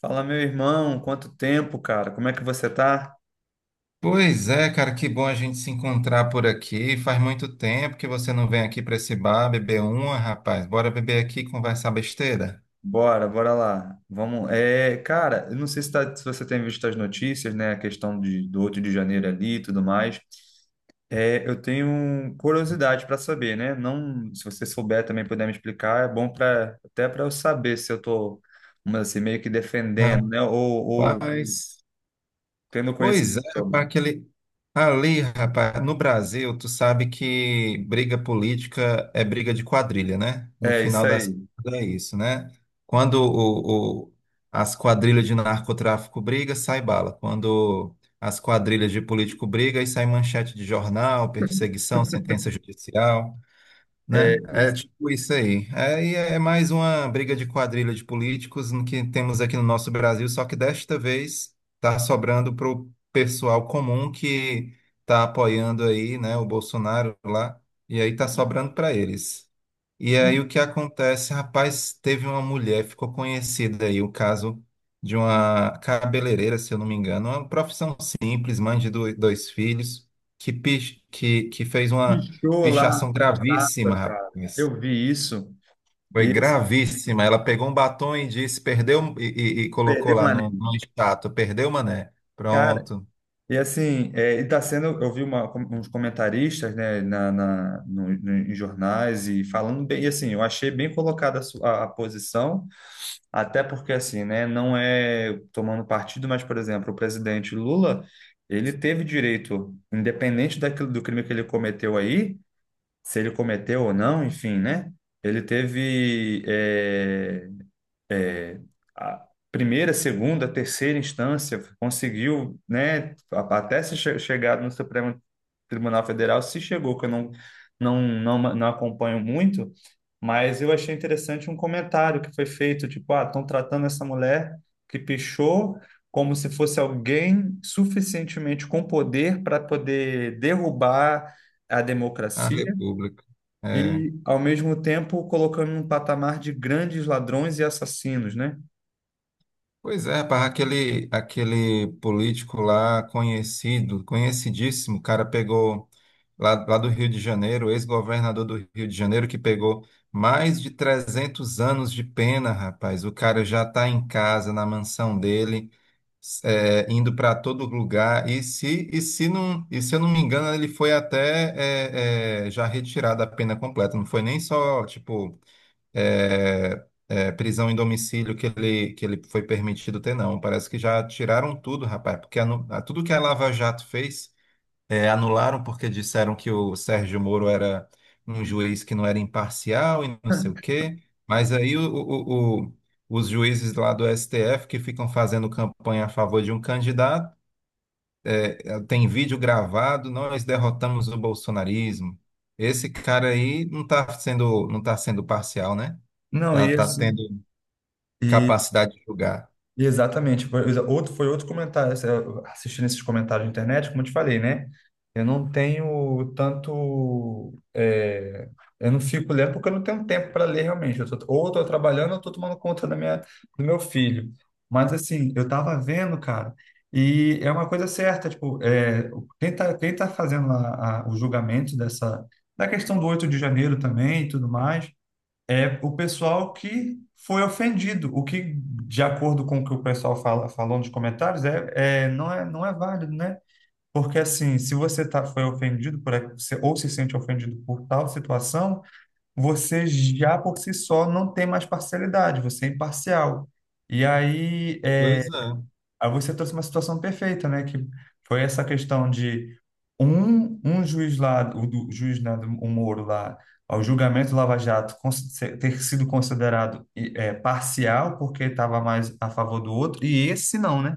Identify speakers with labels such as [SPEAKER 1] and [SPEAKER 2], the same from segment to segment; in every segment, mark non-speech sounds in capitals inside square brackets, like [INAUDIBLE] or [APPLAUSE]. [SPEAKER 1] Fala, meu irmão, quanto tempo, cara? Como é que você tá?
[SPEAKER 2] Pois é, cara, que bom a gente se encontrar por aqui. Faz muito tempo que você não vem aqui para esse bar beber uma, rapaz. Bora beber aqui e conversar besteira?
[SPEAKER 1] Bora, bora lá. Vamos. É, cara, eu não sei se você tem visto as notícias, né? A questão do 8 de janeiro ali e tudo mais. É, eu tenho curiosidade para saber, né? Não, se você souber também puder me explicar, é bom para até para eu saber se eu tô, vamos dizer assim, meio que defendendo, né? Ou
[SPEAKER 2] Rapaz.
[SPEAKER 1] tendo
[SPEAKER 2] Pois é,
[SPEAKER 1] conhecimento sobre.
[SPEAKER 2] rapaz, aquele ali, rapaz, no Brasil, tu sabe que briga política é briga de quadrilha, né? No
[SPEAKER 1] É isso
[SPEAKER 2] final das
[SPEAKER 1] aí.
[SPEAKER 2] contas é isso, né? Quando as quadrilhas de narcotráfico briga, sai bala. Quando as quadrilhas de político briga, aí sai manchete de jornal, perseguição, sentença judicial.
[SPEAKER 1] É
[SPEAKER 2] Né? É
[SPEAKER 1] isso.
[SPEAKER 2] tipo isso aí. É, e é mais uma briga de quadrilha de políticos no que temos aqui no nosso Brasil, só que desta vez está sobrando para o pessoal comum que está apoiando aí, né, o Bolsonaro lá, e aí está sobrando para eles. E aí o que acontece? Rapaz, teve uma mulher, ficou conhecida aí o caso de uma cabeleireira, se eu não me engano, uma profissão simples, mãe de dois filhos, que fez uma
[SPEAKER 1] Pichou lá
[SPEAKER 2] pichação
[SPEAKER 1] na estátua,
[SPEAKER 2] gravíssima,
[SPEAKER 1] cara.
[SPEAKER 2] rapaz.
[SPEAKER 1] Eu vi isso.
[SPEAKER 2] Foi
[SPEAKER 1] E assim,
[SPEAKER 2] gravíssima. Ela pegou um batom e disse, perdeu, e colocou
[SPEAKER 1] perdeu o
[SPEAKER 2] lá no
[SPEAKER 1] maneiro.
[SPEAKER 2] status, perdeu, mané.
[SPEAKER 1] Cara,
[SPEAKER 2] Pronto.
[SPEAKER 1] e assim, é, e tá sendo, eu vi uns comentaristas, né, em jornais e falando bem, e assim, eu achei bem colocada a posição, até porque assim, né, não é tomando partido, mas, por exemplo, o presidente Lula, ele teve direito, independente daquilo, do crime que ele cometeu aí, se ele cometeu ou não, enfim, né, ele teve é, a primeira, segunda, terceira instância conseguiu, né, até se chegar no Supremo Tribunal Federal, se chegou, que eu não acompanho muito, mas eu achei interessante um comentário que foi feito, tipo, ah, estão tratando essa mulher que pichou como se fosse alguém suficientemente com poder para poder derrubar a
[SPEAKER 2] A
[SPEAKER 1] democracia
[SPEAKER 2] República. É.
[SPEAKER 1] e, ao mesmo tempo, colocando num patamar de grandes ladrões e assassinos, né?
[SPEAKER 2] Pois é, rapaz, aquele político lá conhecido, conhecidíssimo, o cara pegou lá do Rio de Janeiro, ex-governador do Rio de Janeiro, que pegou mais de 300 anos de pena, rapaz. O cara já está em casa, na mansão dele, indo para todo lugar. E se, e se eu não me engano, ele foi até já retirado a pena completa, não foi nem só, tipo prisão em domicílio que ele foi permitido ter, não. Parece que já tiraram tudo, rapaz, porque tudo que a Lava Jato fez, anularam porque disseram que o Sérgio Moro era um juiz que não era imparcial e não sei o quê. Mas aí os juízes lá do STF que ficam fazendo campanha a favor de um candidato, tem vídeo gravado, nós derrotamos o bolsonarismo. Esse cara aí não está sendo, não tá sendo parcial, né?
[SPEAKER 1] Não,
[SPEAKER 2] Tá,
[SPEAKER 1] e
[SPEAKER 2] tá
[SPEAKER 1] assim,
[SPEAKER 2] tendo
[SPEAKER 1] e,
[SPEAKER 2] capacidade de julgar.
[SPEAKER 1] e exatamente, foi outro comentário, assim, eu assistindo esses comentários na internet, como eu te falei, né? Eu não tenho tanto, é, eu não fico lendo porque eu não tenho tempo para ler realmente, eu tô, ou eu tô trabalhando ou eu tô tomando conta do meu filho. Mas assim, eu tava vendo, cara, e é uma coisa certa, tipo, é, quem tá fazendo lá o julgamento da questão do 8 de janeiro também e tudo mais, é o pessoal que foi ofendido. O que, de acordo com o que o pessoal fala, falou nos comentários, não é válido, né? Porque assim, se você foi ofendido por, a- se- ou se sente ofendido por tal situação, você já por si só não tem mais parcialidade, você é imparcial. E aí,
[SPEAKER 2] Pois
[SPEAKER 1] é,
[SPEAKER 2] é.
[SPEAKER 1] Aí você trouxe uma situação perfeita, né? Que foi essa questão de um juiz lá, o juiz, né, o Moro lá, ao julgamento do Lava Jato ter sido considerado parcial, porque estava mais a favor do outro, e esse não, né?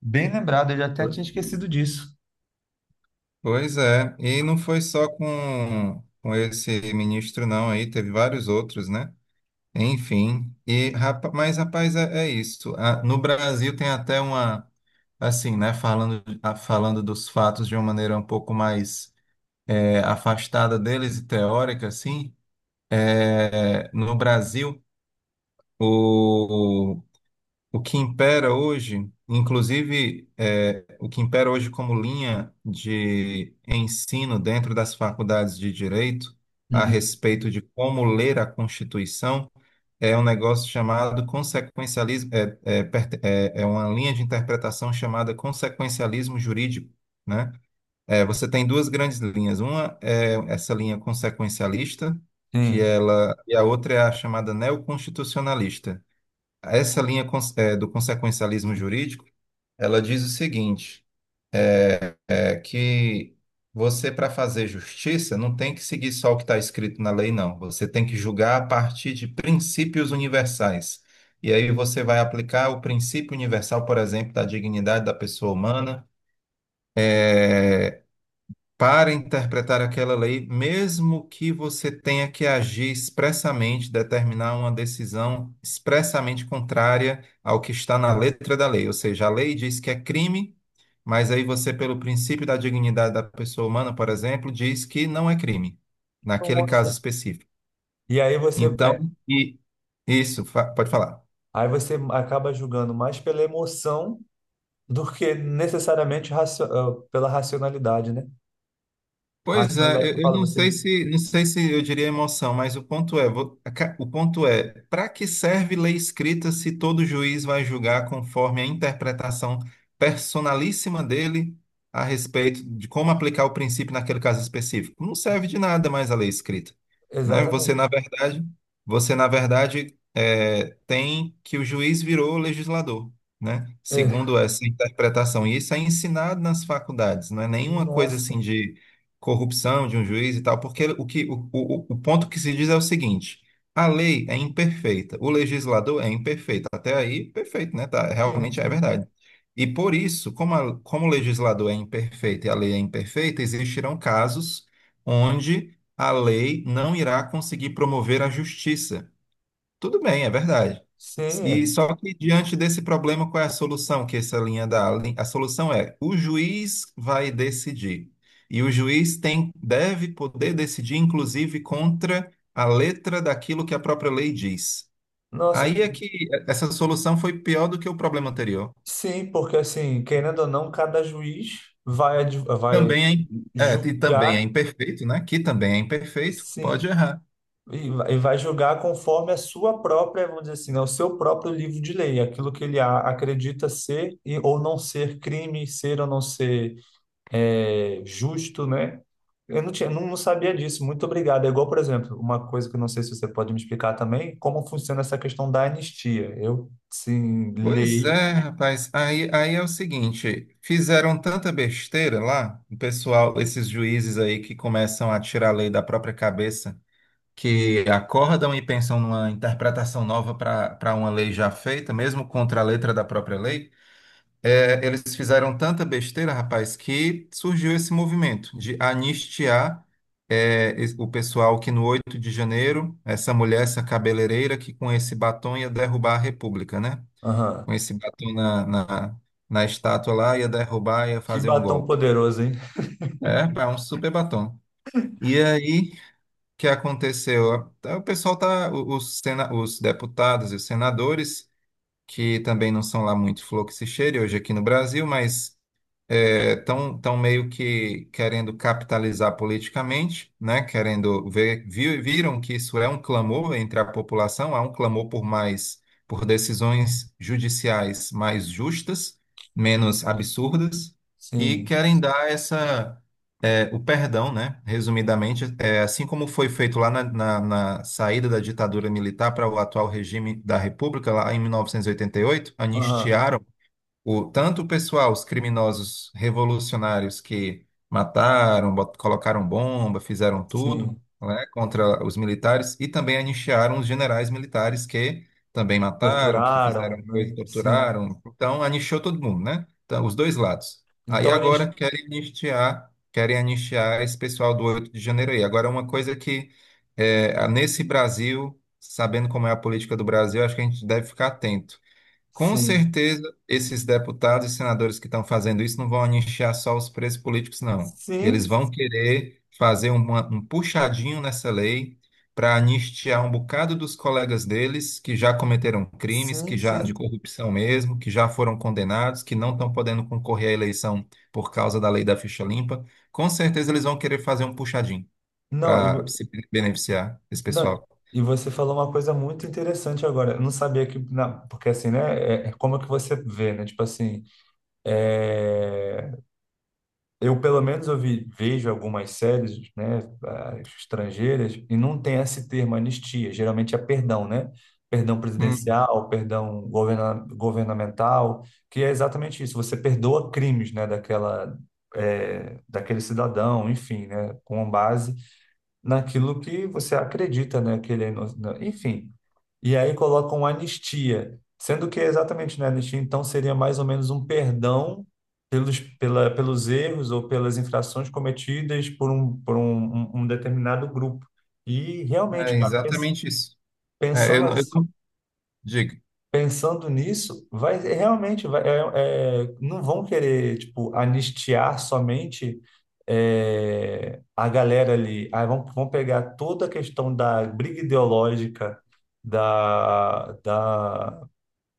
[SPEAKER 1] Bem lembrado, eu já até
[SPEAKER 2] Pois-
[SPEAKER 1] tinha esquecido disso.
[SPEAKER 2] Pois é, e não foi só com esse ministro, não, aí teve vários outros, né? Enfim, mas rapaz, é isso. Ah, no Brasil tem até uma, assim, né, falando dos fatos de uma maneira um pouco mais afastada deles e teórica, assim, no Brasil. O que impera hoje, inclusive, o que impera hoje como linha de ensino dentro das faculdades de direito a
[SPEAKER 1] Uhum.
[SPEAKER 2] respeito de como ler a Constituição é um negócio chamado consequencialismo, é uma linha de interpretação chamada consequencialismo jurídico, né? Você tem duas grandes linhas. Uma é essa linha consequencialista,
[SPEAKER 1] Sim.
[SPEAKER 2] e a outra é a chamada neoconstitucionalista, essa linha do consequencialismo jurídico, ela diz o seguinte, é que você, para fazer justiça, não tem que seguir só o que está escrito na lei, não. Você tem que julgar a partir de princípios universais. E aí você vai aplicar o princípio universal, por exemplo, da dignidade da pessoa humana, para interpretar aquela lei, mesmo que você tenha que agir expressamente, determinar uma decisão expressamente contrária ao que está na letra da lei. Ou seja, a lei diz que é crime, mas aí você, pelo princípio da dignidade da pessoa humana, por exemplo, diz que não é crime, naquele caso
[SPEAKER 1] Nossa.
[SPEAKER 2] específico.
[SPEAKER 1] E aí você, aí
[SPEAKER 2] Então, pode falar.
[SPEAKER 1] aí você acaba julgando mais pela emoção do que necessariamente pela racionalidade, né?
[SPEAKER 2] Pois é,
[SPEAKER 1] Racionalidade que eu
[SPEAKER 2] eu
[SPEAKER 1] falo,
[SPEAKER 2] não
[SPEAKER 1] você.
[SPEAKER 2] sei se, não sei se eu diria emoção, mas o ponto é, para que serve lei escrita se todo juiz vai julgar conforme a interpretação personalíssima dele a respeito de como aplicar o princípio naquele caso específico? Não serve de nada mais a lei escrita, né? Você,
[SPEAKER 1] Exatamente.
[SPEAKER 2] na verdade, você, na verdade, tem que o juiz virou legislador. Né?
[SPEAKER 1] É,
[SPEAKER 2] Segundo essa interpretação, e isso é ensinado nas faculdades, não é nenhuma coisa
[SPEAKER 1] nossa,
[SPEAKER 2] assim corrupção de um juiz e tal, porque o ponto que se diz é o seguinte: a lei é imperfeita, o legislador é imperfeito. Até aí, perfeito, né? Tá,
[SPEAKER 1] sim,
[SPEAKER 2] realmente é
[SPEAKER 1] sim.
[SPEAKER 2] verdade. E por isso, como o legislador é imperfeito e a lei é imperfeita, existirão casos onde a lei não irá conseguir promover a justiça. Tudo bem, é verdade.
[SPEAKER 1] Sim,
[SPEAKER 2] E
[SPEAKER 1] é.
[SPEAKER 2] só que diante desse problema, qual é a solução que essa linha dá? A solução é o juiz vai decidir. E o juiz tem, deve poder decidir, inclusive, contra a letra daquilo que a própria lei diz.
[SPEAKER 1] Nossa,
[SPEAKER 2] Aí é que essa solução foi pior do que o problema anterior.
[SPEAKER 1] sim, porque assim, querendo ou não, cada juiz vai
[SPEAKER 2] Também é, im- também é
[SPEAKER 1] julgar,
[SPEAKER 2] imperfeito, né? Que também é imperfeito, pode
[SPEAKER 1] sim,
[SPEAKER 2] errar.
[SPEAKER 1] e vai julgar conforme a sua própria, vamos dizer assim, né, o seu próprio livro de lei, aquilo que ele acredita ser ou não ser crime, ser ou não ser justo, né? Eu não tinha, não sabia disso. Muito obrigado. É igual, por exemplo, uma coisa que eu não sei se você pode me explicar também, como funciona essa questão da anistia. Eu, sim,
[SPEAKER 2] Pois
[SPEAKER 1] leio.
[SPEAKER 2] é, rapaz. Aí é o seguinte, fizeram tanta besteira lá, o pessoal, esses juízes aí que começam a tirar a lei da própria cabeça, que acordam e pensam numa interpretação nova para uma lei já feita, mesmo contra a letra da própria lei. É, eles fizeram tanta besteira, rapaz, que surgiu esse movimento de anistiar o pessoal que no 8 de janeiro, essa mulher, essa cabeleireira que com esse batom ia derrubar a República, né?
[SPEAKER 1] Aham.
[SPEAKER 2] Com esse batom na estátua lá, ia derrubar, ia
[SPEAKER 1] Que
[SPEAKER 2] fazer um
[SPEAKER 1] batom
[SPEAKER 2] golpe.
[SPEAKER 1] poderoso, hein?
[SPEAKER 2] Pá, um super batom. E aí, o que aconteceu? O pessoal tá, os, sena, os deputados e os senadores que também não são lá muito flor que se cheire hoje aqui no Brasil, mas tão meio que querendo capitalizar politicamente, né? Viram que isso é um clamor entre a população, há um clamor por mais, por decisões judiciais mais justas, menos absurdas, e
[SPEAKER 1] Sim.
[SPEAKER 2] querem dar o perdão, né? Resumidamente, assim como foi feito lá na, na saída da ditadura militar para o atual regime da República, lá em 1988,
[SPEAKER 1] Aham.
[SPEAKER 2] anistiaram tanto o pessoal, os criminosos revolucionários que mataram, colocaram bomba, fizeram tudo,
[SPEAKER 1] Sim.
[SPEAKER 2] né, contra os militares, e também anistiaram os generais militares que também mataram, que fizeram
[SPEAKER 1] Torturaram,
[SPEAKER 2] coisa,
[SPEAKER 1] né? Sim.
[SPEAKER 2] torturaram. Então, anistiou todo mundo, né? Então, os dois lados. Aí
[SPEAKER 1] Então
[SPEAKER 2] agora
[SPEAKER 1] eles.
[SPEAKER 2] querem anistiar esse pessoal do 8 de janeiro aí. Agora, uma coisa que nesse Brasil, sabendo como é a política do Brasil, acho que a gente deve ficar atento, com
[SPEAKER 1] Sim.
[SPEAKER 2] certeza, esses deputados e senadores que estão fazendo isso não vão anistiar só os presos políticos, não. Eles
[SPEAKER 1] Sim.
[SPEAKER 2] vão querer fazer um puxadinho nessa lei para anistiar um bocado dos colegas deles que já cometeram crimes,
[SPEAKER 1] Sim,
[SPEAKER 2] que já de
[SPEAKER 1] sim.
[SPEAKER 2] corrupção mesmo, que já foram condenados, que não estão podendo concorrer à eleição por causa da lei da ficha limpa. Com certeza, eles vão querer fazer um puxadinho
[SPEAKER 1] Não,
[SPEAKER 2] para se beneficiar desse
[SPEAKER 1] não,
[SPEAKER 2] pessoal.
[SPEAKER 1] e você falou uma coisa muito interessante agora. Eu não sabia que. Porque assim, né? É, é como é que você vê, né? Tipo assim. É, eu pelo menos eu vejo algumas séries, né, ah, estrangeiras e não tem esse termo anistia, geralmente é perdão, né? Perdão
[SPEAKER 2] Hum,
[SPEAKER 1] presidencial, perdão governamental, que é exatamente isso. Você perdoa crimes, né, daquele cidadão, enfim, né, com base naquilo que você acredita, né, que ele é enfim, e aí colocam anistia, sendo que é exatamente, né, anistia então seria mais ou menos um perdão pelos erros ou pelas infrações cometidas por um determinado grupo. E
[SPEAKER 2] é
[SPEAKER 1] realmente, cara,
[SPEAKER 2] exatamente isso. Eu
[SPEAKER 1] pensando,
[SPEAKER 2] não, eu
[SPEAKER 1] as-
[SPEAKER 2] não digo.
[SPEAKER 1] pensando nisso, vai é, realmente vai, não vão querer tipo anistiar somente é, a galera ali. Aí vão pegar toda a questão da briga ideológica da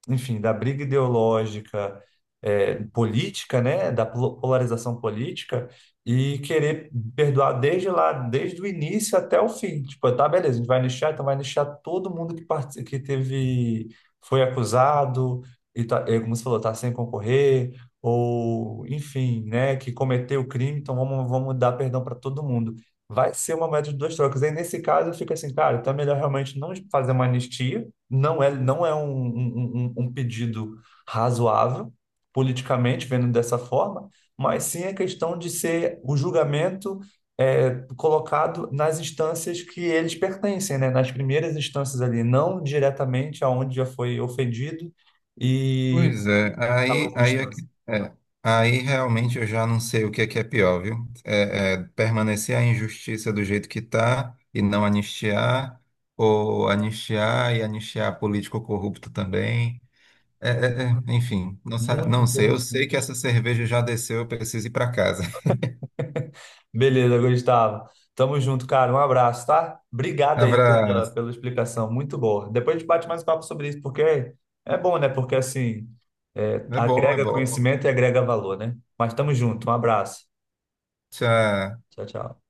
[SPEAKER 1] enfim, da briga ideológica, política, né, da polarização política e querer perdoar desde lá, desde o início até o fim. Tipo, tá, beleza, a gente vai nichar, então vai nichar todo mundo que teve, foi acusado e tá, como você falou, tá sem concorrer ou, enfim, né, que cometeu o crime, então vamos dar perdão para todo mundo. Vai ser uma média de duas trocas. Aí, nesse caso, eu fico assim, cara, então é melhor realmente não fazer uma anistia, não é um pedido razoável, politicamente, vendo dessa forma, mas sim a questão de ser o julgamento colocado nas instâncias que eles pertencem, né? Nas primeiras instâncias ali, não diretamente aonde já foi ofendido e
[SPEAKER 2] Pois é,
[SPEAKER 1] na
[SPEAKER 2] aí,
[SPEAKER 1] última
[SPEAKER 2] aí, é
[SPEAKER 1] instância.
[SPEAKER 2] que- é, aí realmente eu já não sei o que é pior, viu? É permanecer a injustiça do jeito que está e não anistiar, ou anistiar e anistiar político corrupto também. Enfim,
[SPEAKER 1] Muito
[SPEAKER 2] não sei. Eu sei
[SPEAKER 1] interessante.
[SPEAKER 2] que essa cerveja já desceu, eu preciso ir para casa. [LAUGHS]
[SPEAKER 1] Beleza, Gustavo. Tamo junto, cara. Um abraço, tá? Obrigado aí pela,
[SPEAKER 2] Abraço.
[SPEAKER 1] pela explicação. Muito boa. Depois a gente bate mais papo sobre isso, porque é bom, né? Porque assim,
[SPEAKER 2] É bom, é
[SPEAKER 1] agrega
[SPEAKER 2] bom.
[SPEAKER 1] conhecimento e agrega valor, né? Mas tamo junto. Um abraço.
[SPEAKER 2] Tchau.
[SPEAKER 1] Tchau, tchau.